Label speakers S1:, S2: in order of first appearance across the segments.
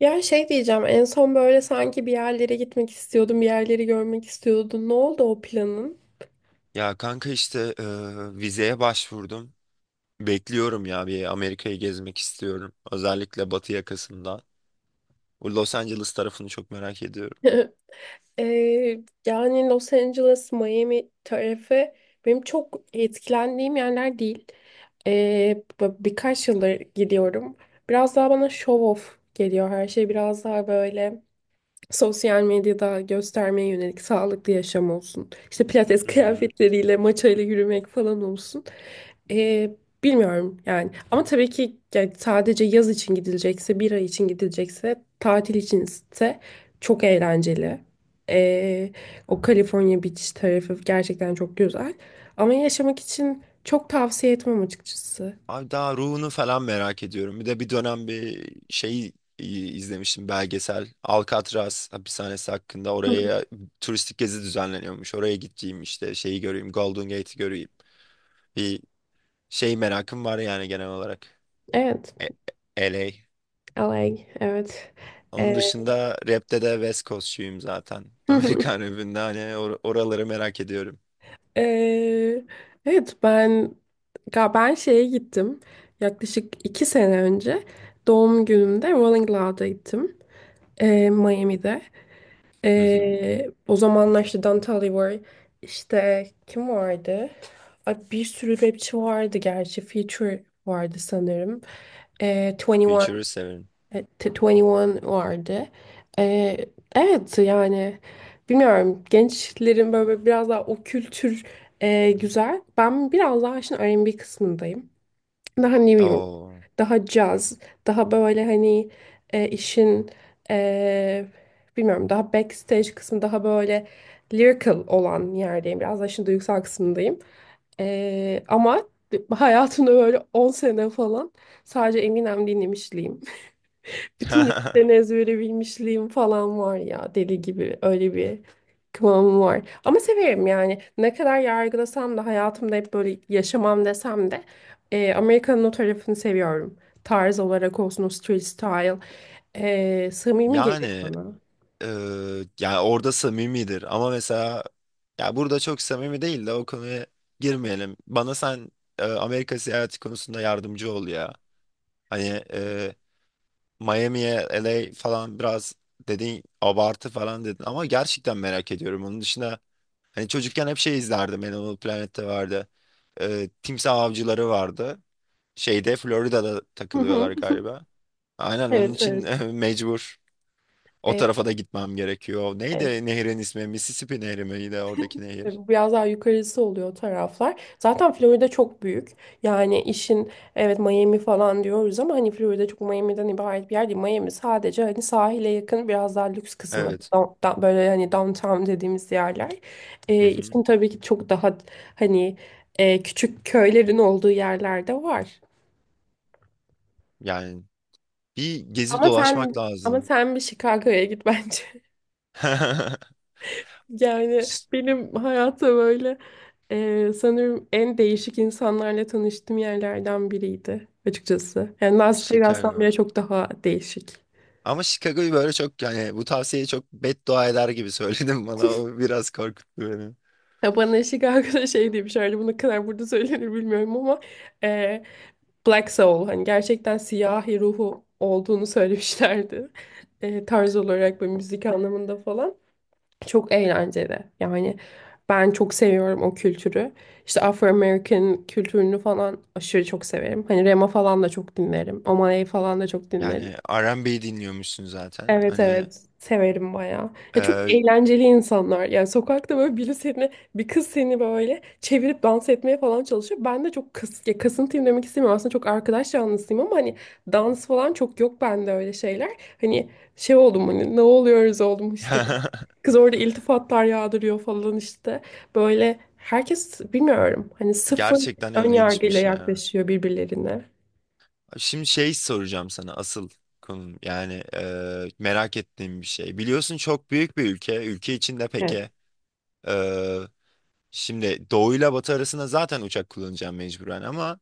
S1: Ya şey diyeceğim en son böyle sanki bir yerlere gitmek istiyordun, bir yerleri görmek istiyordun. Ne oldu o planın?
S2: Ya kanka işte vizeye başvurdum. Bekliyorum ya bir Amerika'yı gezmek istiyorum. Özellikle batı yakasında. Bu Los Angeles tarafını çok merak ediyorum.
S1: Ee, Yani Los Angeles, Miami tarafı benim çok etkilendiğim yerler değil. Birkaç yıldır gidiyorum. Biraz daha bana show off geliyor her şey. Biraz daha böyle sosyal medyada göstermeye yönelik sağlıklı yaşam olsun. İşte pilates
S2: Hı hı.
S1: kıyafetleriyle, maçayla yürümek falan olsun. Ee, Bilmiyorum yani. Ama tabii ki yani sadece yaz için gidilecekse, bir ay için gidilecekse, tatil içinse çok eğlenceli. Ee, O California Beach tarafı gerçekten çok güzel. Ama yaşamak için çok tavsiye etmem açıkçası.
S2: Abi daha ruhunu falan merak ediyorum. Bir de bir dönem bir şey izlemiştim belgesel. Alcatraz hapishanesi hakkında
S1: Hı.
S2: oraya turistik gezi düzenleniyormuş. Oraya gideceğim işte şeyi göreyim. Golden Gate'i göreyim. Bir şey merakım var yani genel olarak.
S1: Evet.
S2: E- LA.
S1: LA, evet.
S2: Onun
S1: Ee,
S2: dışında rapte de West Coast'çuyum zaten. Amerikan rapinde hani oraları merak ediyorum.
S1: Ee, evet, ben şeye gittim yaklaşık 2 sene önce doğum günümde Rolling Loud'a gittim, Miami'de.
S2: Hı hı.
S1: O zamanlar işte Don Tolliver var, işte kim vardı, Ay, bir sürü rapçi vardı, gerçi Future vardı sanırım. 21,
S2: Future'ı severim.
S1: 21 vardı. E, evet yani bilmiyorum, gençlerin böyle böyle biraz daha o kültür, güzel. Ben biraz daha işin R&B kısmındayım. Daha New York,
S2: Oo.
S1: daha caz, daha böyle hani, e, işin e, bilmiyorum, daha backstage kısmı, daha böyle lyrical olan yerdeyim. Biraz daha işin duygusal kısmındayım. Ama hayatımda böyle 10 sene falan sadece Eminem dinlemişliğim. Bütün listeleri ezbere bilmişliğim falan var ya, deli gibi öyle bir kıvamım var. Ama severim yani, ne kadar yargılasam da hayatımda hep böyle yaşamam desem de Amerika'nın o tarafını seviyorum. Tarz olarak olsun, o street style samimi geliyor
S2: Yani
S1: bana.
S2: e, yani orada samimidir ama mesela ya burada çok samimi değil de o konuya girmeyelim. Bana sen Amerika seyahati konusunda yardımcı ol ya. Hani Miami'ye LA falan biraz dedin, abartı falan dedin ama gerçekten merak ediyorum. Onun dışında, hani çocukken hep şey izlerdim. Animal Planet'te vardı. Timsah avcıları vardı. Şeyde Florida'da
S1: Hı
S2: takılıyorlar
S1: hı.
S2: galiba. Aynen onun
S1: Evet,
S2: için
S1: evet.
S2: mecbur. O
S1: Evet,
S2: tarafa da gitmem gerekiyor.
S1: evet.
S2: Neydi nehrin ismi? Mississippi Nehri miydi oradaki
S1: E,
S2: nehir?
S1: bu Biraz daha yukarısı oluyor o taraflar. Zaten Florida çok büyük. Yani işin evet Miami falan diyoruz ama hani Florida çok Miami'den ibaret bir yer değil. Miami sadece hani sahile yakın biraz daha lüks kısmı.
S2: Evet.
S1: Böyle hani downtown dediğimiz yerler.
S2: Hı hı.
S1: İşin tabii ki çok daha hani, küçük köylerin olduğu yerlerde var.
S2: Yani bir gezip
S1: Ama
S2: dolaşmak
S1: sen ama
S2: lazım.
S1: sen bir Chicago'ya git bence. Yani
S2: Ş-
S1: benim hayata böyle, sanırım en değişik insanlarla tanıştığım yerlerden biriydi açıkçası. Yani Las Vegas'tan
S2: Chicago.
S1: bile çok daha değişik.
S2: Ama Chicago'yu böyle çok yani bu tavsiyeyi çok beddua eder gibi söyledim bana. O biraz korkuttu beni.
S1: Ya bana eşlik arkadaş şey demiş herhalde, bu ne kadar burada söylenir bilmiyorum ama, e, Black Soul, hani gerçekten siyahi ruhu olduğunu söylemişlerdi. Tarz olarak ve müzik anlamında falan. Çok eğlenceli. Yani ben çok seviyorum o kültürü. İşte Afro-American kültürünü falan aşırı çok severim. Hani Rema falan da çok dinlerim. Omaley falan da çok dinlerim.
S2: Yani R&B dinliyormuşsun zaten.
S1: Evet,
S2: Hani
S1: evet, severim bayağı. Ya çok
S2: Ee,
S1: eğlenceli insanlar. Yani sokakta böyle biri seni, bir kız seni böyle çevirip dans etmeye falan çalışıyor. Ben de çok ya, kasıntıyım demek istemiyorum. Aslında çok arkadaş canlısıyım ama hani dans falan çok yok bende, öyle şeyler. Hani şey oldum, hani ne oluyoruz oldum işte. Kız orada iltifatlar yağdırıyor falan işte. Böyle herkes bilmiyorum hani, sıfır
S2: gerçekten
S1: ön yargıyla
S2: ilginçmiş ya.
S1: yaklaşıyor birbirlerine.
S2: Şimdi şey soracağım sana, asıl konum yani merak ettiğim bir şey. Biliyorsun çok büyük bir ülke. Ülke içinde
S1: Evet.
S2: peki, e, şimdi doğuyla batı arasında zaten uçak kullanacağım mecburen ama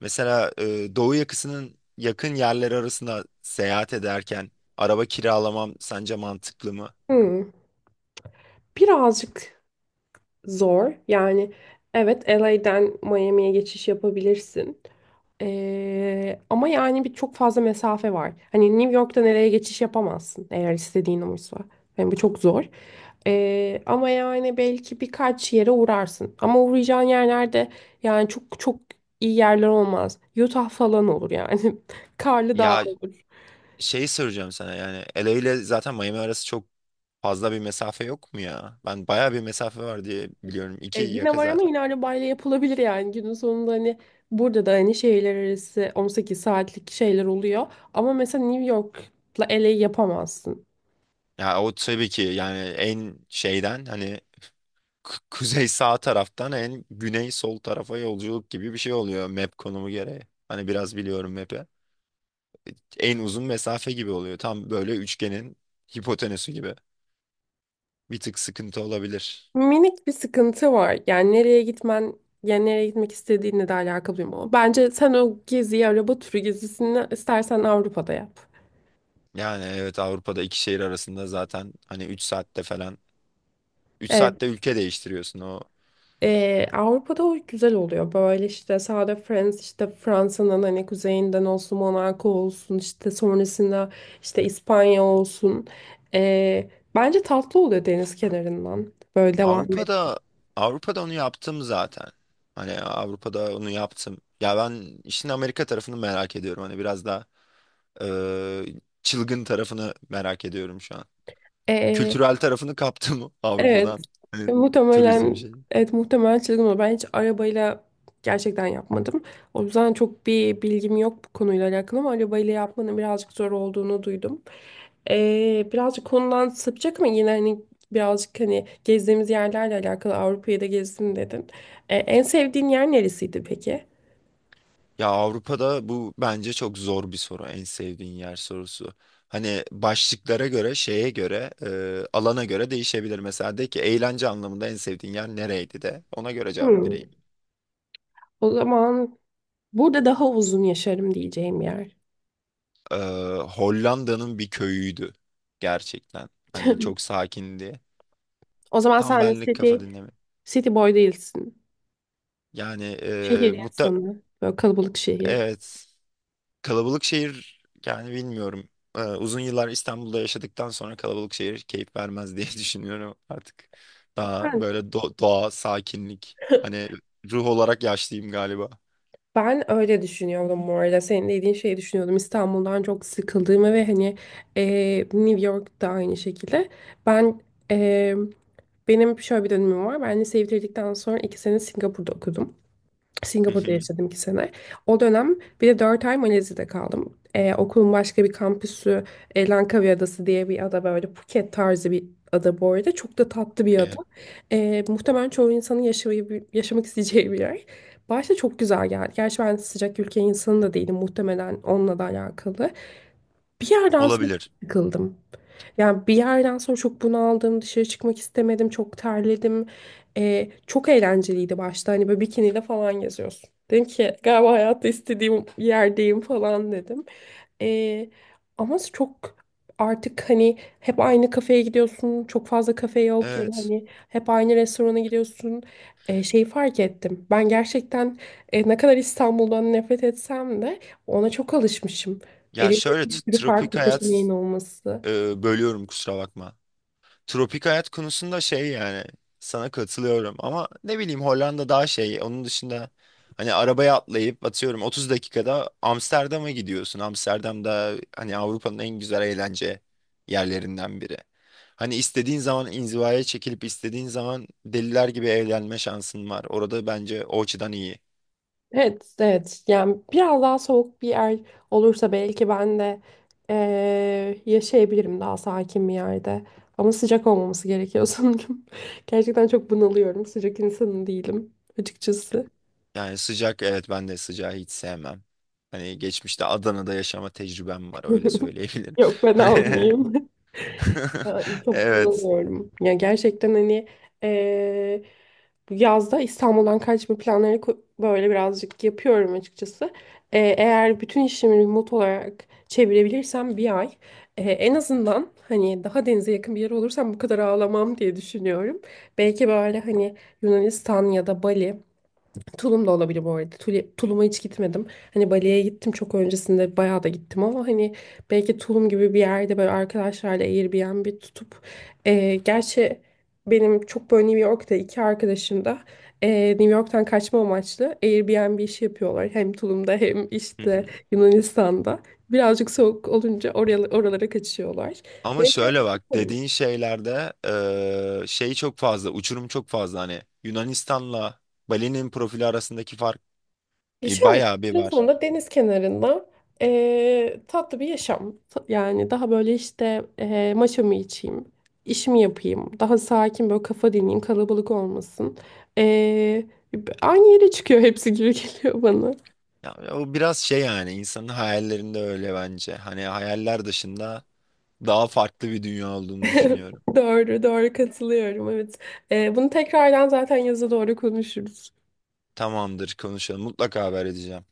S2: mesela doğu yakasının yakın yerleri arasında seyahat ederken araba kiralamam sence mantıklı mı?
S1: Hmm, Birazcık zor. Yani evet, LA'den Miami'ye geçiş yapabilirsin. Ama yani bir çok fazla mesafe var. Hani New York'tan LA'ye geçiş yapamazsın, eğer istediğin oysa. Yani bu çok zor. Ama yani belki birkaç yere uğrarsın. Ama uğrayacağın yerlerde yani çok çok iyi yerler olmaz. Utah falan olur yani. Karlı dağ.
S2: Ya, şeyi soracağım sana, yani LA ile zaten Miami arası çok fazla bir mesafe yok mu ya? Ben bayağı bir mesafe var diye biliyorum. İki
S1: Yine
S2: yaka
S1: var ama
S2: zaten.
S1: yine arabayla yapılabilir yani, günün sonunda hani burada da hani şehirler arası 18 saatlik şeyler oluyor, ama mesela New York'la LA'yı yapamazsın.
S2: Ya o tabii ki, yani en şeyden hani kuzey sağ taraftan en güney sol tarafa yolculuk gibi bir şey oluyor map konumu gereği. Hani biraz biliyorum map'i. En uzun mesafe gibi oluyor. Tam böyle üçgenin hipotenüsü gibi. Bir tık sıkıntı olabilir.
S1: Minik bir sıkıntı var yani, nereye gitmen yani nereye gitmek istediğinle de alakalı, bilmiyorum ama bence sen o geziyi, araba turu gezisini istersen Avrupa'da yap.
S2: Yani evet, Avrupa'da iki şehir arasında zaten hani 3 saatte falan, üç
S1: Evet.
S2: saatte ülke değiştiriyorsun o
S1: Avrupa'da o güzel oluyor. Böyle işte sağda Friends, işte Fransa'nın hani kuzeyinden olsun, Monaco olsun, işte sonrasında işte İspanya olsun. Ee, Bence tatlı oluyor deniz kenarından. Böyle devam
S2: Avrupa'da Avrupa'da onu yaptım zaten. Hani Avrupa'da onu yaptım. Ya ben işin Amerika tarafını merak ediyorum. Hani biraz daha eee, çılgın tarafını merak ediyorum şu an.
S1: et.
S2: Kültürel tarafını kaptı mı
S1: Evet.
S2: Avrupa'dan? Hani turizm
S1: Muhtemelen
S2: şeyi.
S1: evet, muhtemelen çılgın olur. Ben hiç arabayla gerçekten yapmadım. O yüzden çok bir bilgim yok bu konuyla alakalı, ama arabayla yapmanın birazcık zor olduğunu duydum. Birazcık konudan sapacak ama yine hani, birazcık hani gezdiğimiz yerlerle alakalı, Avrupa'yı da gezdim dedin. En sevdiğin yer neresiydi peki?
S2: Ya, Avrupa'da bu bence çok zor bir soru. En sevdiğin yer sorusu. Hani başlıklara göre, şeye göre, alana göre değişebilir. Mesela de ki eğlence anlamında en sevdiğin yer nereydi, de ona göre cevap
S1: Hmm.
S2: vereyim.
S1: O zaman burada daha uzun yaşarım diyeceğim yer.
S2: e, Hollanda'nın bir köyüydü gerçekten. Hani çok sakindi.
S1: O zaman
S2: Tam
S1: sen
S2: benlik,
S1: city,
S2: kafa dinleme.
S1: city boy değilsin.
S2: Yani e,
S1: Şehir
S2: muhta
S1: insanı. Böyle kalabalık şehir.
S2: evet, kalabalık şehir yani bilmiyorum. Uzun yıllar İstanbul'da yaşadıktan sonra kalabalık şehir keyif vermez diye düşünüyorum artık. Daha
S1: Ben,
S2: böyle doğa, sakinlik. Hani ruh olarak yaşlıyım galiba.
S1: ben öyle düşünüyordum bu arada. Senin dediğin şeyi düşünüyordum. İstanbul'dan çok sıkıldığımı, ve hani, New York'ta aynı şekilde. Ben e, Benim şöyle bir dönemim var. Ben liseyi bitirdikten sonra 2 sene Singapur'da okudum.
S2: Hı
S1: Singapur'da
S2: hı.
S1: yaşadım 2 sene. O dönem bir de 4 ay Malezya'da kaldım. Okulun başka bir kampüsü, Langkawi Adası diye bir ada, böyle Phuket tarzı bir ada bu arada. Çok da tatlı bir ada.
S2: Okey.
S1: Muhtemelen çoğu insanın yaşamak isteyeceği bir yer. Başta çok güzel geldi. Gerçi ben sıcak ülke insanı da değilim, muhtemelen onunla da alakalı. Bir yerden sonra çok
S2: Olabilir.
S1: sıkıldım. Yani bir yerden sonra çok bunaldım, dışarı çıkmak istemedim, çok terledim. Çok eğlenceliydi başta, hani böyle bikiniyle falan geziyorsun. Dedim ki galiba hayatta istediğim yerdeyim falan dedim. Ee, Ama çok artık hani hep aynı kafeye gidiyorsun, çok fazla kafe yok, ya da
S2: Evet.
S1: hani hep aynı restorana gidiyorsun. Şeyi fark ettim. Ben gerçekten, ne kadar İstanbul'dan nefret etsem de ona çok alışmışım.
S2: Ya
S1: Elimde
S2: şöyle
S1: bir sürü
S2: tropik
S1: farklı seçeneğin
S2: hayat,
S1: olması.
S2: bölüyorum kusura bakma. Tropik hayat konusunda şey yani sana katılıyorum ama ne bileyim, Hollanda daha şey, onun dışında hani arabaya atlayıp atıyorum 30 dakikada Amsterdam'a gidiyorsun. Amsterdam'da hani Avrupa'nın en güzel eğlence yerlerinden biri. Hani istediğin zaman inzivaya çekilip istediğin zaman deliler gibi eğlenme şansın var. Orada bence o açıdan iyi.
S1: Evet, evet. Yani biraz daha soğuk bir yer olursa belki ben de, yaşayabilirim daha sakin bir yerde. Ama sıcak olmaması gerekiyor sanırım. Gerçekten çok bunalıyorum. Sıcak insanı değilim açıkçası.
S2: Yani sıcak, evet ben de sıcağı hiç sevmem. Hani geçmişte Adana'da yaşama tecrübem var, öyle söyleyebilirim.
S1: Yok, ben
S2: Hani
S1: almayayım. Ya, çok
S2: evet.
S1: bunalıyorum. Ya gerçekten hani, eee, bu yazda İstanbul'dan kaçma planları, böyle birazcık yapıyorum açıkçası. Eğer bütün işimi remote olarak çevirebilirsem bir ay, en azından hani daha denize yakın bir yer olursam bu kadar ağlamam diye düşünüyorum. Belki böyle hani Yunanistan ya da Bali. Tulum da olabilir bu arada. Tulum'a hiç gitmedim. Hani Bali'ye gittim çok öncesinde, bayağı da gittim ama hani, belki Tulum gibi bir yerde böyle arkadaşlarla Airbnb tutup, gerçi benim çok böyle New York'ta iki arkadaşım da, New York'tan kaçma amaçlı Airbnb işi yapıyorlar. Hem Tulum'da, hem
S2: Hı hı.
S1: işte Yunanistan'da. Birazcık soğuk olunca oralara kaçıyorlar.
S2: Ama
S1: Belki
S2: şöyle
S1: öyle
S2: bak,
S1: yaparım.
S2: dediğin şeylerde şey çok fazla uçurum, çok fazla hani Yunanistan'la Bali'nin profili arasındaki fark
S1: Şöyle,
S2: bayağı bir
S1: en
S2: var.
S1: sonunda deniz kenarında, tatlı bir yaşam. Yani daha böyle işte, maşamı içeyim, işimi yapayım, daha sakin böyle kafa dinleyeyim, kalabalık olmasın. Aynı yere çıkıyor hepsi gibi geliyor bana.
S2: Ya, o biraz şey yani insanın hayallerinde öyle, bence. Hani hayaller dışında daha farklı bir dünya olduğunu düşünüyorum.
S1: Doğru, doğru, katılıyorum. Evet. Bunu tekrardan zaten yaza doğru konuşuruz.
S2: Tamamdır, konuşalım, mutlaka haber edeceğim.